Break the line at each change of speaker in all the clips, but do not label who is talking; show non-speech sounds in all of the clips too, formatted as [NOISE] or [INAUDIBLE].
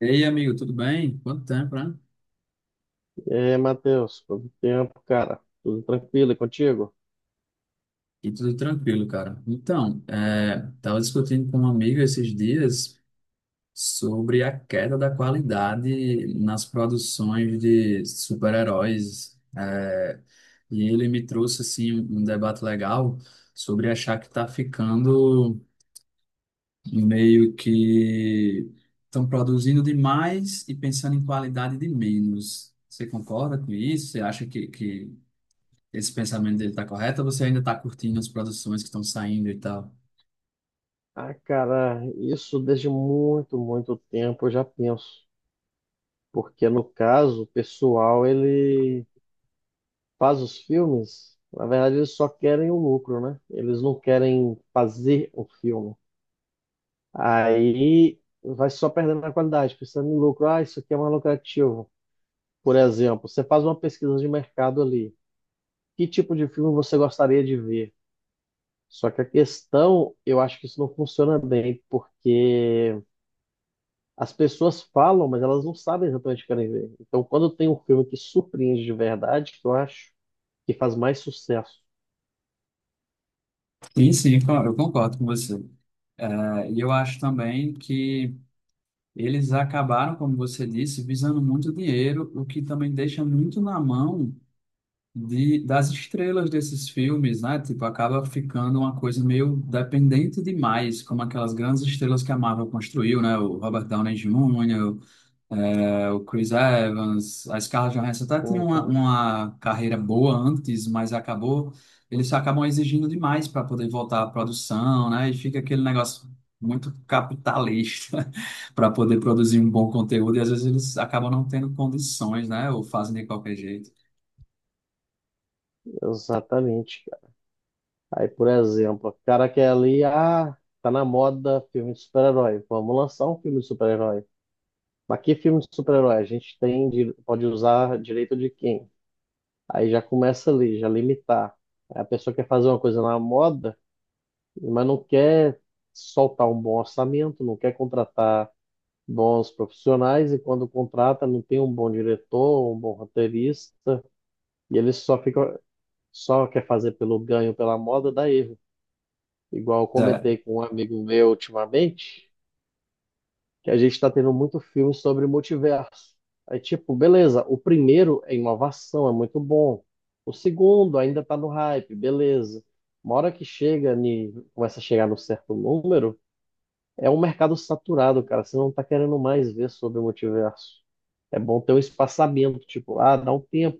Ei, amigo, tudo bem? Quanto tempo, né?
E aí, Matheus, quanto tempo, cara? Tudo tranquilo e contigo?
E tudo tranquilo, cara. Então, tava discutindo com um amigo esses dias sobre a queda da qualidade nas produções de super-heróis. E ele me trouxe, assim, um debate legal sobre achar que tá ficando meio que estão produzindo demais e pensando em qualidade de menos. Você concorda com isso? Você acha que esse pensamento dele tá correto, ou você ainda tá curtindo as produções que estão saindo e tal?
Ah, cara, isso desde muito, muito tempo eu já penso. Porque no caso, o pessoal, ele faz os filmes, na verdade eles só querem o lucro, né? Eles não querem fazer o filme. Aí vai só perdendo a qualidade, pensando em lucro. Ah, isso aqui é mais lucrativo. Por exemplo, você faz uma pesquisa de mercado ali. Que tipo de filme você gostaria de ver? Só que a questão, eu acho que isso não funciona bem, porque as pessoas falam, mas elas não sabem exatamente o que querem ver. Então, quando tem um filme que surpreende de verdade, que eu acho que faz mais sucesso.
Sim, sim, eu concordo com você. E eu acho também que eles acabaram, como você disse, visando muito dinheiro, o que também deixa muito na mão das estrelas desses filmes, né? Tipo, acaba ficando uma coisa meio dependente demais, como aquelas grandes estrelas que a Marvel construiu, né? O Robert Downey Jr., é, o Chris Evans, a Scarlett Johansson até tinha
Uhum.
uma carreira boa antes, mas acabou, eles acabam exigindo demais para poder voltar à produção, né? E fica aquele negócio muito capitalista [LAUGHS] para poder produzir um bom conteúdo, e às vezes eles acabam não tendo condições, né? Ou fazem de qualquer jeito.
Exatamente, cara. Aí, por exemplo, o cara quer ali, ah, tá na moda filme de super-herói. Vamos lançar um filme de super-herói. Mas que filme de super-herói? A gente tem, pode usar direito de quem? Aí já começa ali, já limitar. Aí a pessoa quer fazer uma coisa na moda, mas não quer soltar um bom orçamento, não quer contratar bons profissionais, e quando contrata não tem um bom diretor, um bom roteirista, e ele só fica, só quer fazer pelo ganho, pela moda, dá erro. Igual eu
É,
comentei com um amigo meu ultimamente, que a gente está tendo muito filme sobre multiverso. Aí, tipo, beleza, o primeiro é inovação, é muito bom. O segundo ainda está no hype, beleza. Uma hora que chega, começa a chegar no certo número, é um mercado saturado, cara. Você não tá querendo mais ver sobre o multiverso. É bom ter um espaçamento, tipo, ah, dá um tempo.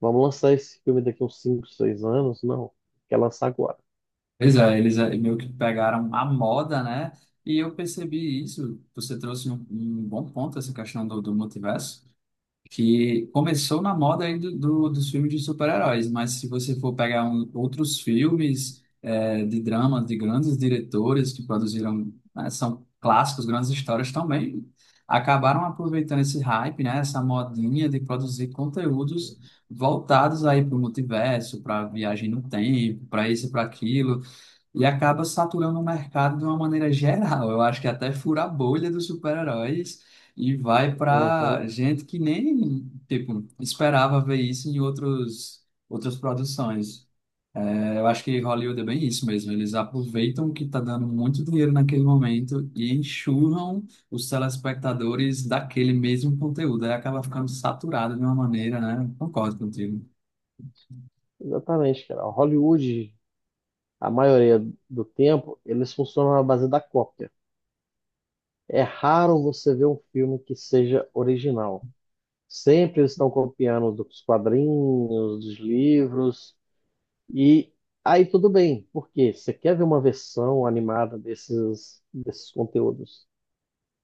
Vamos lançar esse filme daqui uns 5, 6 anos? Não, quer lançar agora.
pois é, meio que pegaram a moda, né? E eu percebi isso. Você trouxe um bom ponto, essa questão do multiverso. Que começou na moda aí dos filmes de super-heróis, mas se você for pegar outros filmes, de dramas de grandes diretores que produziram, né, são clássicos, grandes histórias também, acabaram aproveitando esse hype, né, essa modinha de produzir conteúdos voltados aí para o multiverso, para viagem no tempo, para isso e para aquilo. E acaba saturando o mercado de uma maneira geral. Eu acho que até fura a bolha dos super-heróis e vai
Uhum.
para gente que nem, tipo, esperava ver isso em outros, outras produções. Eu acho que Hollywood é bem isso mesmo. Eles aproveitam que está dando muito dinheiro naquele momento e enxurram os telespectadores daquele mesmo conteúdo. Aí acaba ficando saturado de uma maneira, né? Concordo contigo.
Exatamente, cara. Hollywood, a maioria do tempo, eles funcionam na base da cópia. É raro você ver um filme que seja original. Sempre eles estão copiando dos quadrinhos, dos livros, e aí tudo bem, porque você quer ver uma versão animada desses conteúdos.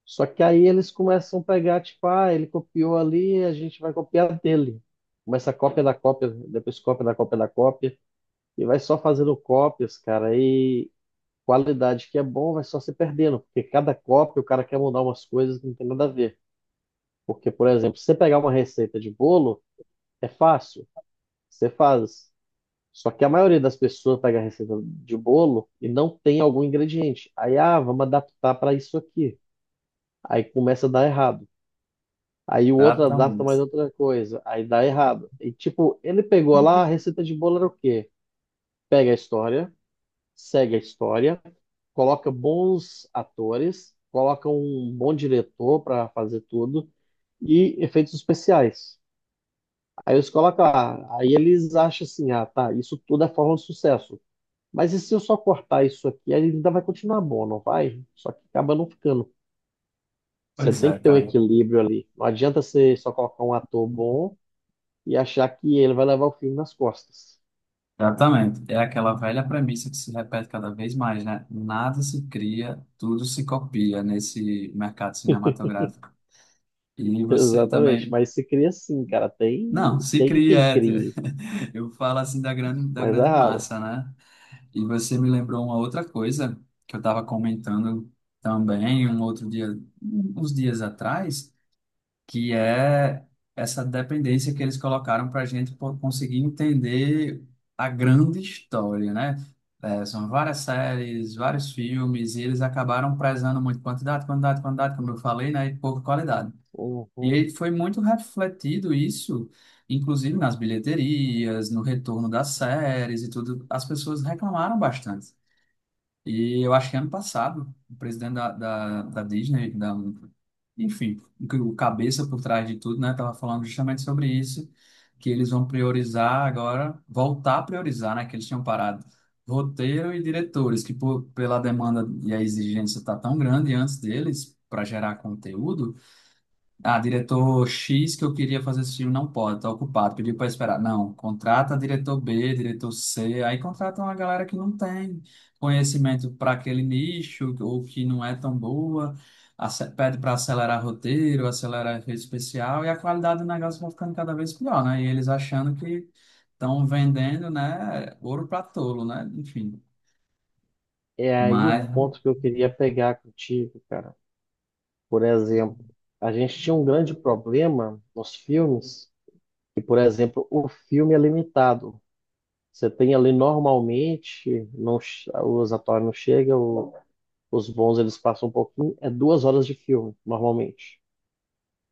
Só que aí eles começam a pegar, tipo, ah, ele copiou ali, a gente vai copiar dele. Começa a cópia da cópia, depois cópia da cópia da cópia, e vai só fazendo cópias, cara, e qualidade que é bom vai só se perdendo, porque cada cópia o cara quer mudar umas coisas que não tem nada a ver. Porque, por exemplo, se você pegar uma receita de bolo, é fácil, você faz. Só que a maioria das pessoas pega a receita de bolo e não tem algum ingrediente. Aí, ah, vamos adaptar para isso aqui. Aí começa a dar errado. Aí o outro adapta mais
Exatamente.
outra coisa. Aí dá errado. E tipo, ele pegou lá, a receita de bolo era o quê? Pega a história, segue a história, coloca bons atores, coloca um bom diretor para fazer tudo e efeitos especiais. Aí eles colocam lá. Aí eles acham assim, ah, tá, isso tudo é forma de sucesso. Mas e se eu só cortar isso aqui, aí ainda vai continuar bom, não vai? Só que acaba não ficando. Você
Pois
tem
é,
que ter um
cara.
equilíbrio ali. Não adianta você só colocar um ator bom e achar que ele vai levar o filme nas costas.
Exatamente. É aquela velha premissa que se repete cada vez mais, né? Nada se cria, tudo se copia nesse mercado cinematográfico. E
[LAUGHS]
você
Exatamente.
também.
Mas se cria sim, cara. Tem,
Não, se
tem
cria.
quem
É.
crie,
[LAUGHS] Eu falo assim da
mas é
grande
raro.
massa, né? E você me lembrou uma outra coisa que eu estava comentando também um outro dia, uns dias atrás, que é essa dependência que eles colocaram para a gente conseguir entender a grande história, né? É, são várias séries, vários filmes, e eles acabaram prezando muito quantidade, quantidade, quantidade, como eu falei, né? E pouca qualidade. E aí
Uhum.
foi muito refletido isso, inclusive nas bilheterias, no retorno das séries e tudo. As pessoas reclamaram bastante. E eu acho que ano passado, o presidente da Disney, enfim, o cabeça por trás de tudo, né, tava falando justamente sobre isso, que eles vão priorizar agora, voltar a priorizar, né, que eles tinham parado roteiro e diretores, que pela demanda e a exigência tá tão grande antes deles para gerar conteúdo. Ah, diretor X que eu queria fazer esse filme não pode, tá ocupado, pediu para esperar. Não, contrata diretor B, diretor C, aí contrata uma galera que não tem conhecimento para aquele nicho ou que não é tão boa, pede para acelerar roteiro, acelerar efeito especial, e a qualidade do negócio vai ficando cada vez pior, né? E eles achando que estão vendendo, né, ouro para tolo, né? Enfim,
É aí o
mas
ponto que eu queria pegar contigo, cara. Por exemplo, a gente tinha um grande problema nos filmes, que, por exemplo, o filme é limitado. Você tem ali normalmente, não, o Zatora não chega, os bons eles passam um pouquinho, é 2 horas de filme, normalmente.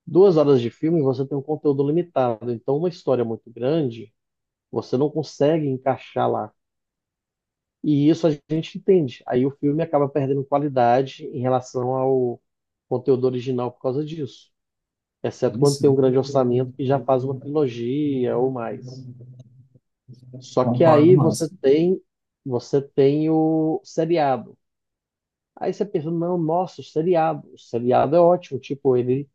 2 horas de filme você tem um conteúdo limitado, então uma história muito grande você não consegue encaixar lá. E isso a gente entende. Aí o filme acaba perdendo qualidade em relação ao conteúdo original por causa disso. Exceto quando
isso,
tem um
né?
grande orçamento que já faz uma trilogia ou mais. Só que
Concordo,
aí
mas.
você tem o seriado. Aí você pensa, não, nossa, o seriado. O seriado é ótimo, tipo, ele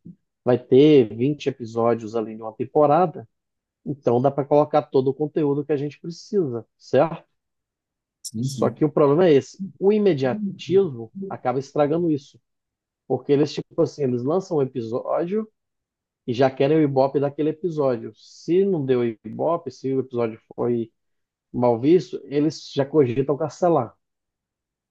vai ter 20 episódios ali em uma temporada, então dá para colocar todo o conteúdo que a gente precisa, certo?
Sim,
Só
sim.
que o problema é esse, o imediatismo acaba estragando isso, porque eles, tipo assim, eles lançam um episódio e já querem o ibope daquele episódio. Se não deu ibope, se o episódio foi mal visto, eles já cogitam cancelar.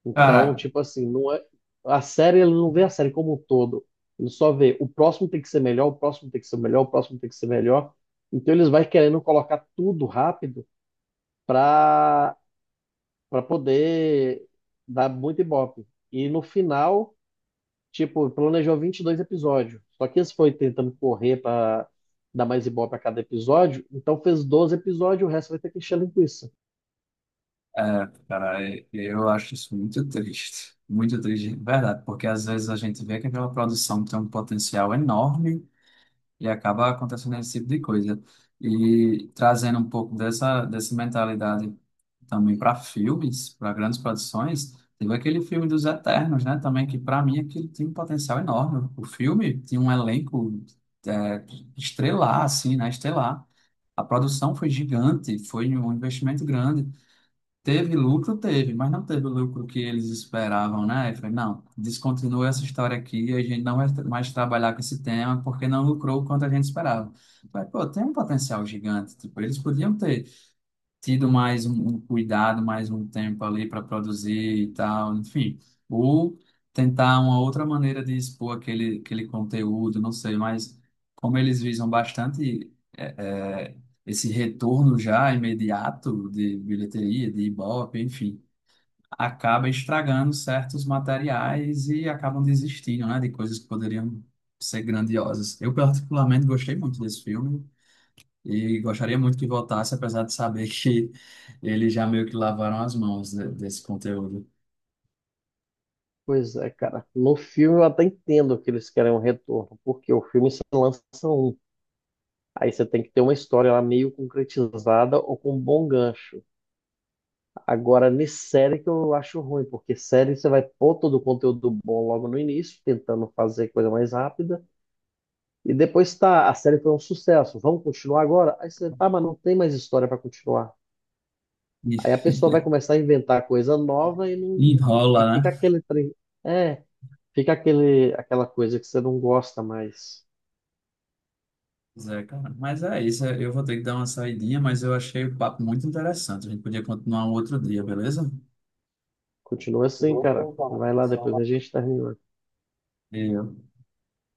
Então,
Cara,
tipo assim, não é a série, ele não vê a série como um todo. Ele só vê o próximo tem que ser melhor, o próximo tem que ser melhor, o próximo tem que ser melhor. Então eles vai querendo colocar tudo rápido para para poder dar muito ibope. E no final, tipo, planejou 22 episódios. Só que eles foi tentando correr para dar mais ibope a cada episódio, então fez 12 episódios, o resto vai ter que encher linguiça.
é, cara, eu acho isso muito triste, de verdade, porque às vezes a gente vê que aquela produção tem um potencial enorme, e acaba acontecendo esse tipo de coisa. E trazendo um pouco dessa, dessa mentalidade também para filmes, para grandes produções, teve aquele filme dos Eternos, né? Também, que para mim aquilo tem um potencial enorme. O filme tinha um elenco, é, estelar, assim, né? Estelar. A produção foi gigante, foi um investimento grande. Teve lucro, teve, mas não teve o lucro que eles esperavam, né? Eu falei, não, descontinua essa história aqui, a gente não vai mais trabalhar com esse tema porque não lucrou o quanto a gente esperava. Eu falei, pô, tem um potencial gigante, tipo, eles podiam ter tido mais um cuidado, mais um tempo ali para produzir e tal, enfim, ou tentar uma outra maneira de expor aquele conteúdo, não sei, mas como eles visam bastante, é, é, esse retorno já imediato de bilheteria, de Ibope, enfim, acaba estragando certos materiais e acabam desistindo, né, de coisas que poderiam ser grandiosas. Eu particularmente gostei muito desse filme. E gostaria muito que voltasse, apesar de saber que eles já meio que lavaram as mãos desse conteúdo.
Pois é, cara. No filme eu até entendo que eles querem um retorno, porque o filme se lança um. Aí você tem que ter uma história lá meio concretizada ou com um bom gancho. Agora, nessa série que eu acho ruim, porque série você vai pôr todo o conteúdo bom logo no início, tentando fazer coisa mais rápida, e depois tá, a série foi um sucesso, vamos continuar agora? Aí você, tá, mas não tem mais história para continuar.
E
Aí a pessoa vai
[LAUGHS]
começar a inventar coisa nova e não, e
enrola, né?
fica aquele trem. É, fica aquele, aquela coisa que você não gosta mais.
Pois é, cara. Mas é isso, eu vou ter que dar uma saidinha, mas eu achei o papo muito interessante. A gente podia continuar um outro dia, beleza?
Continua
Muito
assim,
bom,
cara.
então, tá.
Vai lá,
Só
depois a
lá.
gente termina.